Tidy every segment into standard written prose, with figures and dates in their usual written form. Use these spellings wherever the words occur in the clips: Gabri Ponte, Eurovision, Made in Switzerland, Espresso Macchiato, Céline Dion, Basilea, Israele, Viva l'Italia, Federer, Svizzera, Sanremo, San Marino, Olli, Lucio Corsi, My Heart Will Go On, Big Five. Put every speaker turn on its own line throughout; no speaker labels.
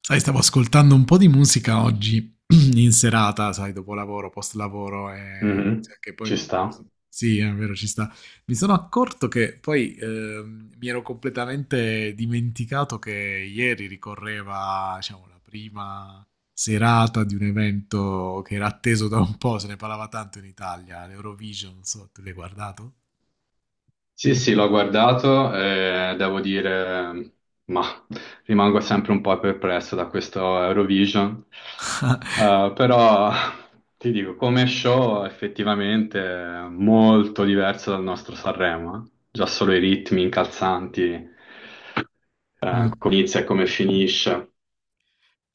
Sai, stavo ascoltando un po' di musica oggi in serata, sai, dopo lavoro, post lavoro e
Mhm.
cioè, che poi
Ci sta.
sì, è vero, ci sta. Mi sono accorto che poi mi ero completamente dimenticato che ieri ricorreva, diciamo, la prima serata di un evento che era atteso da un po', se ne parlava tanto in Italia, l'Eurovision, non so, tu l'hai guardato?
Sì, sì, l'ho guardato e devo dire, ma rimango sempre un po' perplesso da questo Eurovision. Però ti dico, come show effettivamente è molto diverso dal nostro Sanremo, eh. Già solo i ritmi incalzanti,
Mm.
come inizia e come finisce.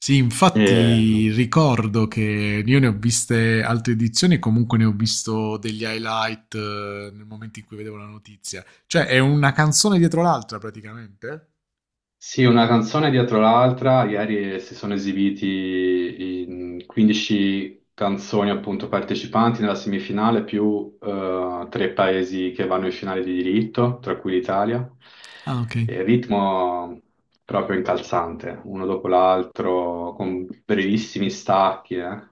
Sì,
E
infatti ricordo che io ne ho viste altre edizioni e comunque ne ho visto degli highlight nel momento in cui vedevo la notizia. Cioè, è una canzone dietro l'altra praticamente?
sì, una canzone dietro l'altra, ieri si sono esibiti in 15 canzoni appunto partecipanti nella semifinale più 3 paesi che vanno in finale di diritto, tra cui l'Italia.
Ah, ok.
E ritmo proprio incalzante, uno dopo l'altro, con brevissimi stacchi, eh.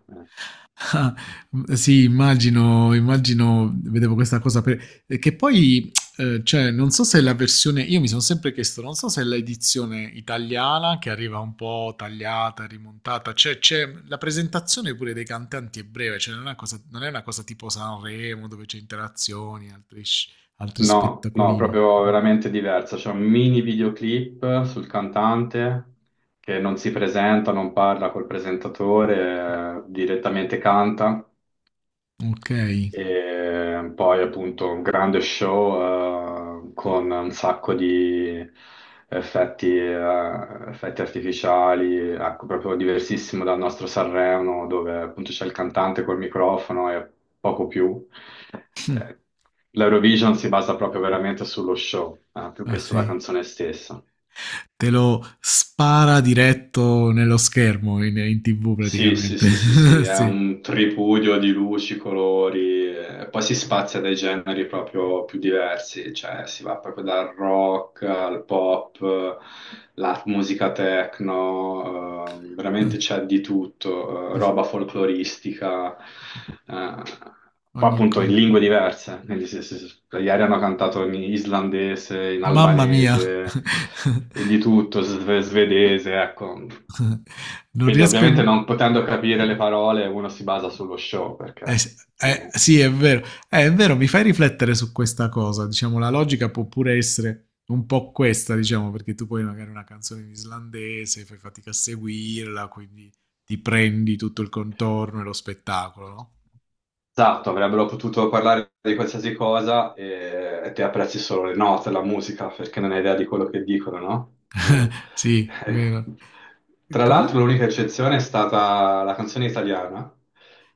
Ah, sì, immagino, immagino, vedevo questa cosa per- che poi, cioè, non so se la versione, io mi sono sempre chiesto, non so se l'edizione italiana che arriva un po' tagliata, rimontata, cioè, c'è la presentazione pure dei cantanti è breve, cioè, non è una cosa tipo Sanremo dove c'è interazioni, altri
No, no,
spettacolini.
proprio veramente diversa. C'è un mini videoclip sul cantante che non si presenta, non parla col presentatore, direttamente canta.
Ok.
E poi appunto un grande show con un sacco di effetti, effetti artificiali, ecco, proprio diversissimo dal nostro Sanremo, dove appunto c'è il cantante col microfono e poco più. Eh, L'Eurovision si basa proprio veramente sullo show, più
Ah,
che sulla
sì.
canzone stessa.
Te lo spara diretto nello schermo in TV
Sì, sì,
praticamente.
sì, sì, sì, è
Sì.
un tripudio di luci, colori, poi si spazia dai generi proprio più diversi, cioè si va proprio dal rock al pop, la musica techno, veramente
Mh,
c'è di tutto, roba folcloristica, eh, poi
ogni
appunto
co
in lingue diverse, quindi ieri hanno cantato in islandese, in
mamma mia.
albanese, di tutto, svedese, ecco.
non
Quindi
riesco a
ovviamente
im
non potendo capire le parole uno si basa sullo show perché
s
altrimenti...
sì è vero. È vero, mi fai riflettere su questa cosa. Diciamo la logica può pure essere un po' questa, diciamo, perché tu poi magari una canzone in islandese, fai fatica a seguirla, quindi ti prendi tutto il contorno e lo spettacolo, no?
Esatto, avrebbero potuto parlare di qualsiasi cosa e te apprezzi solo le note, la musica, perché non hai idea di quello che dicono, no?
Sì,
Eh.
vero. E
Tra
comu
l'altro l'unica eccezione è stata la canzone italiana,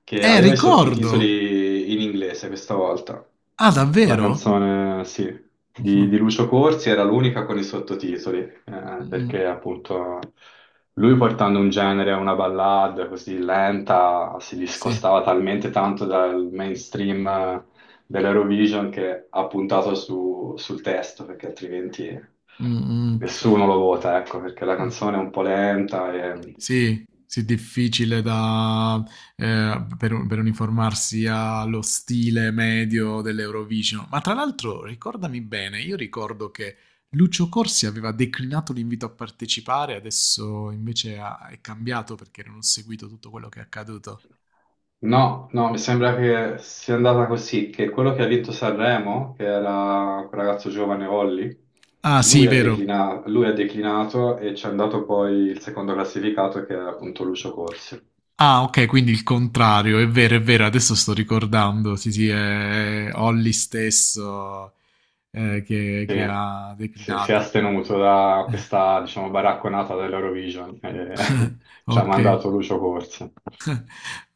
che aveva i
ricordo!
sottotitoli in inglese questa volta.
Ah,
La
davvero?
canzone, sì, di,
Mh-mh.
di Lucio Corsi era l'unica con i sottotitoli,
Mh-mh.
perché appunto lui portando un genere, una ballad così lenta, si
Sì.
discostava talmente tanto dal mainstream dell'Eurovision che ha puntato sul testo, perché altrimenti
Mh-mh.
nessuno lo vota, ecco, perché la
Mh.
canzone è un po' lenta e...
Sì, sì, difficile da, per, un- per uniformarsi allo stile medio dell'Eurovision. Ma tra l'altro, ricordami bene, io ricordo che Lucio Corsi aveva declinato l'invito a partecipare, adesso invece è cambiato perché non ho seguito tutto quello che è accaduto.
No, no, mi sembra che sia andata così, che quello che ha vinto Sanremo, che era quel ragazzo giovane Olli,
Ah, sì, vero.
lui ha declinato e ci è andato poi il secondo classificato che era appunto Lucio Corsi.
Ah, ok, quindi il contrario, è vero, adesso sto ricordando. Sì, sì, è Olli stesso che
Sì,
che ha
si è
declinato.
astenuto da questa, diciamo, baracconata dell'Eurovision e ci ha
Ok.
mandato Lucio Corsi.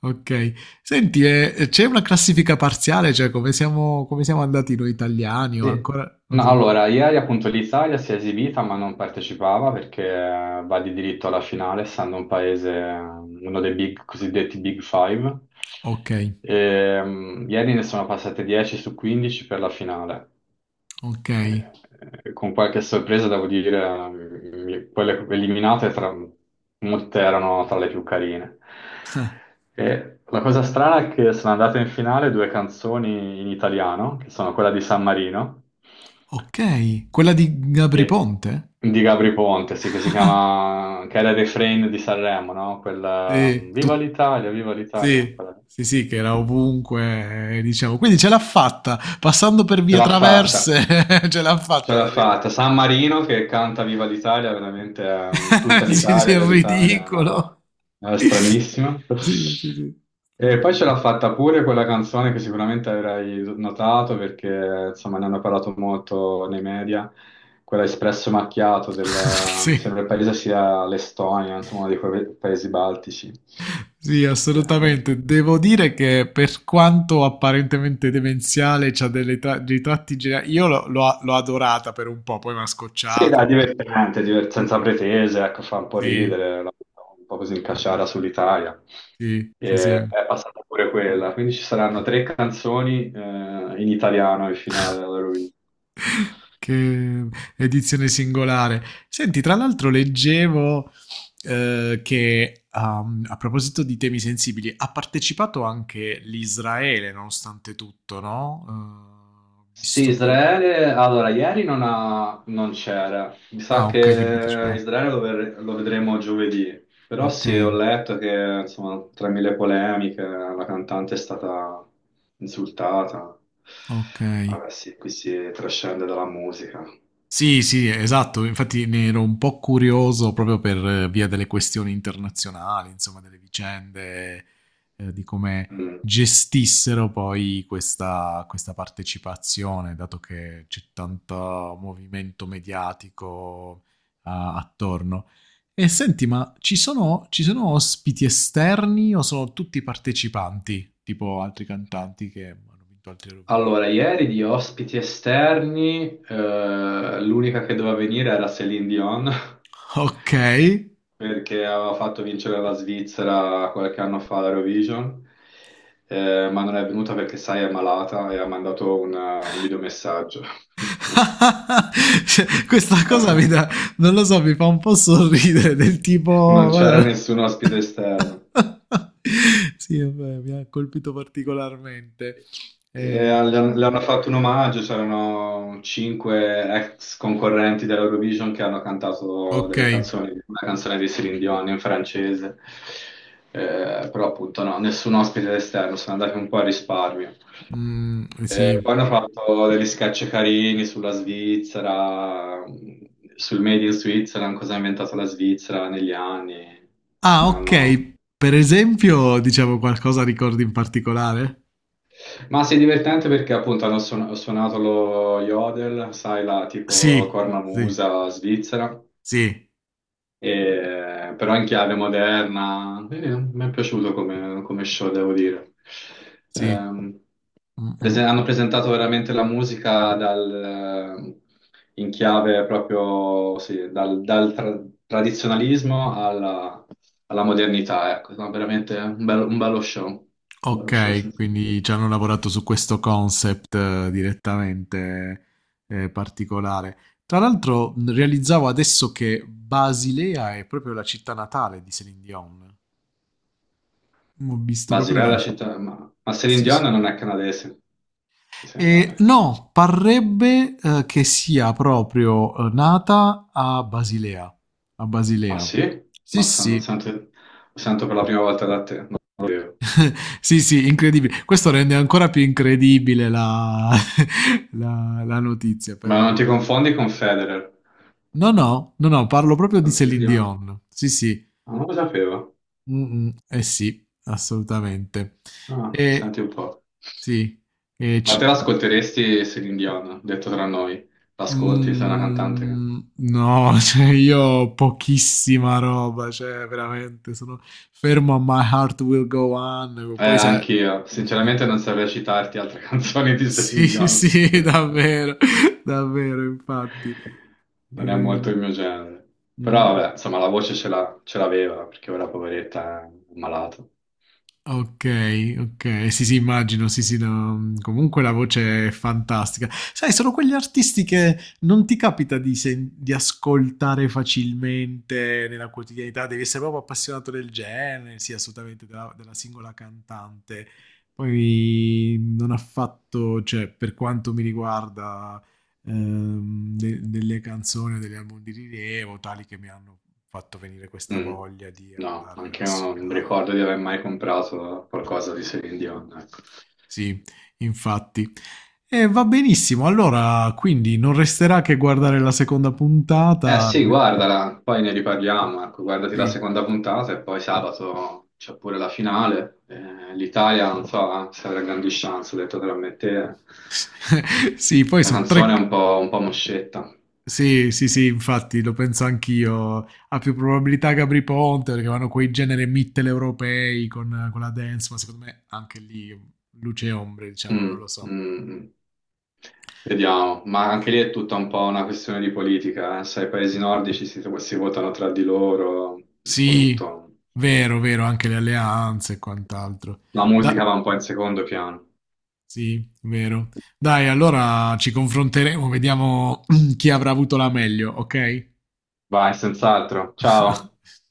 Ok, senti, c'è una classifica parziale, cioè come siamo andati noi italiani o
Sì,
ancora... non
no,
si-
allora, ieri appunto l'Italia si è esibita ma non partecipava perché va di diritto alla finale, essendo un paese, uno dei big, cosiddetti Big Five.
Ok,
Ieri ne sono passate 10 su 15 per la finale.
ok,
Eh, con qualche sorpresa, devo dire, quelle eliminate molte erano tra le più carine. E la cosa strana è che sono andate in finale due canzoni in italiano, che sono quella di San Marino
ok. Quella di Gabri
che-
Ponte?
di Gabri Ponte, sì, che si chiama, che era il refrain di Sanremo, no? Quella,
Sì, tu-
Viva l'Italia,
sì, sì, sì, che era ovunque, diciamo. Quindi ce l'ha fatta, passando per
ce
vie
l'ha fatta.
traverse, ce l'ha
Ce
fatta ad
l'ha
arrivare
fatta.
in
San
finale.
Marino che canta Viva l'Italia, veramente tutta
Sì, sì,
l'Italia, Viva
è
l'Italia, è una roba
ridicolo.
una roba stranissima.
Sì, sì, sì.
E
No.
poi ce l'ha fatta pure quella canzone che sicuramente avrai notato perché insomma ne hanno parlato molto nei media, quella Espresso Macchiato del,
Sì.
mi sembra il paese sia l'Estonia, insomma, uno di quei paesi baltici.
Sì,
Eh,
assolutamente. Devo dire che per quanto apparentemente demenziale, c'ha dei tratti geniali. Io l'ho adorata per un po', poi mi ha
sì, dai,
scocciato.
divertente,
Sì,
senza pretese, ecco, fa un po'
sì,
ridere, un po' così in cacciara sull'Italia.
sì, sì. Sì.
E è passata pure quella, quindi ci saranno 3 canzoni in italiano in finale all'Eurovision.
Che edizione singolare. Senti, tra l'altro leggevo che um, a proposito di temi sensibili, ha partecipato anche l'Israele, nonostante tutto, no?
Sì,
Visto che...
Israele, allora ieri non c'era, mi sa
Ah, ok, quindi
che
parteciperà.
Lo vedremo giovedì, però
Ok.
sì, ho letto che insomma, tra mille polemiche la cantante è stata insultata.
Okay.
Vabbè sì, qui si trascende dalla musica.
Sì, sì, esatto. Infatti ne ero un po' curioso proprio per via delle questioni internazionali, insomma, delle vicende, di come
Mm.
gestissero poi questa partecipazione, dato che c'è tanto movimento mediatico a attorno. E senti, ma ci sono ospiti esterni o sono tutti partecipanti, tipo altri cantanti che hanno vinto altri
Allora,
Eurovision?
ieri di ospiti esterni, l'unica che doveva venire era Céline Dion,
Okay.
perché aveva fatto vincere la Svizzera qualche anno fa all'Eurovision, ma non è venuta perché, sai, è malata e ha mandato un videomessaggio, quindi
Questa cosa mi dà, non lo so, mi fa un po' sorridere del
non
tipo...
c'era nessun ospite esterno.
sì, vabbè, mi ha colpito particolarmente.
E
Eh,
le hanno fatto un omaggio, c'erano 5 ex concorrenti dell'Eurovision che hanno cantato
ok,
delle canzoni, una canzone di Céline Dion in francese. Però appunto no, nessun ospite esterno, sono andati un po' a risparmio.
mm,
Poi
sì.
hanno fatto degli sketch carini sulla Svizzera, sul Made in Switzerland, cosa ha inventato la Svizzera negli anni,
Ah,
che hanno...
ok, per esempio, diciamo qualcosa ricordi in particolare?
Ma sì, è divertente perché appunto ho suonato lo yodel, sai, la tipo
Sì, sì,
cornamusa svizzera,
sì,
però in chiave moderna. Mi è piaciuto come show, devo dire.
sì.
Ehm,
Mm, mm.
hanno presentato veramente la musica dal, in chiave proprio, sì, tradizionalismo alla, alla modernità, ecco. No, veramente un bello show,
Okay,
sì.
quindi ci hanno lavorato su questo concept, direttamente, particolare. Tra l'altro, realizzavo adesso che Basilea è proprio la città natale di Céline Dion. Mhmm, ho visto proprio
Basilea è
nella
la
s
città, ma Celine
sì,
Dion
sì.
non è canadese, mi sembra a me.
No, parrebbe, che sia proprio, nata a Basilea a
Ah
Basilea.
sì?
Sì, sì.
Lo sento per la prima volta da te, non lo sapevo.
Sì, sì, incredibile. Questo rende ancora più incredibile la la notizia,
Ma non
però
ti confondi con Federer,
no, no, no, no, parlo proprio di
con Celine
Céline
Dion?
Dion. Sì, sì.
Ah, non lo sapevo.
Mm, mm, eh sì, assolutamente.
Ah,
E
senti un po'.
sì, e
Ma te
c-
l'ascolteresti Celine Dion, detto tra noi? L'ascolti, sei una cantante che...
mm, no, cioè io ho pochissima roba, cioè veramente sono fermo a My Heart Will Go On, poi se...
Anch'io. Sinceramente non saprei citarti altre canzoni di Celine
Sì, sì,
Dion.
sì, davvero, davvero, infatti.
Non è molto
Eh,
il mio genere. Però
mm.
vabbè, insomma, la voce ce l'ha- ce l'aveva, perché ora poveretta è malata.
Ok, ok, sì, sì, immagino, sì, sì, no, comunque la voce è fantastica. Sai, sono quegli artisti che non ti capita di ascoltare facilmente nella quotidianità, devi essere proprio appassionato del genere, sì, assolutamente, della singola cantante. Poi non ha fatto, cioè, per quanto mi riguarda, delle canzoni o degli album di rilievo, tali che mi hanno fatto venire questa
Mm.
voglia di
No,
andare a
anche io non
sondare.
ricordo di aver mai comprato qualcosa di Celine Dion, ecco.
Sì, infatti. E va benissimo, allora quindi non resterà che guardare la seconda
Eh
puntata.
sì,
Beh,
guardala, poi ne riparliamo, ecco, guardati la
sì,
seconda puntata e poi sabato c'è pure la finale. l'Italia, non so se avrà grandi chance, ho detto tra me e te.
sì, poi
La
sono tre...
canzone è un po' moscetta.
Sì, sì, sì, infatti lo penso anch'io. Ha più probabilità Gabri Ponte perché vanno quei generi mitteleuropei con la dance, ma secondo me anche lì luce e ombre, diciamo, non
Mm,
lo
mm,
so.
mm. Vediamo, ma anche lì è tutta un po' una questione di politica, eh. Sai, i paesi nordici si votano tra di loro, un po'
Sì,
tutto.
vero, vero, anche le alleanze e quant'altro.
La
Da...
musica va un po' in secondo piano.
Sì, vero. Dai, allora ci confronteremo, vediamo chi avrà avuto la meglio, ok?
Vai, senz'altro. Ciao.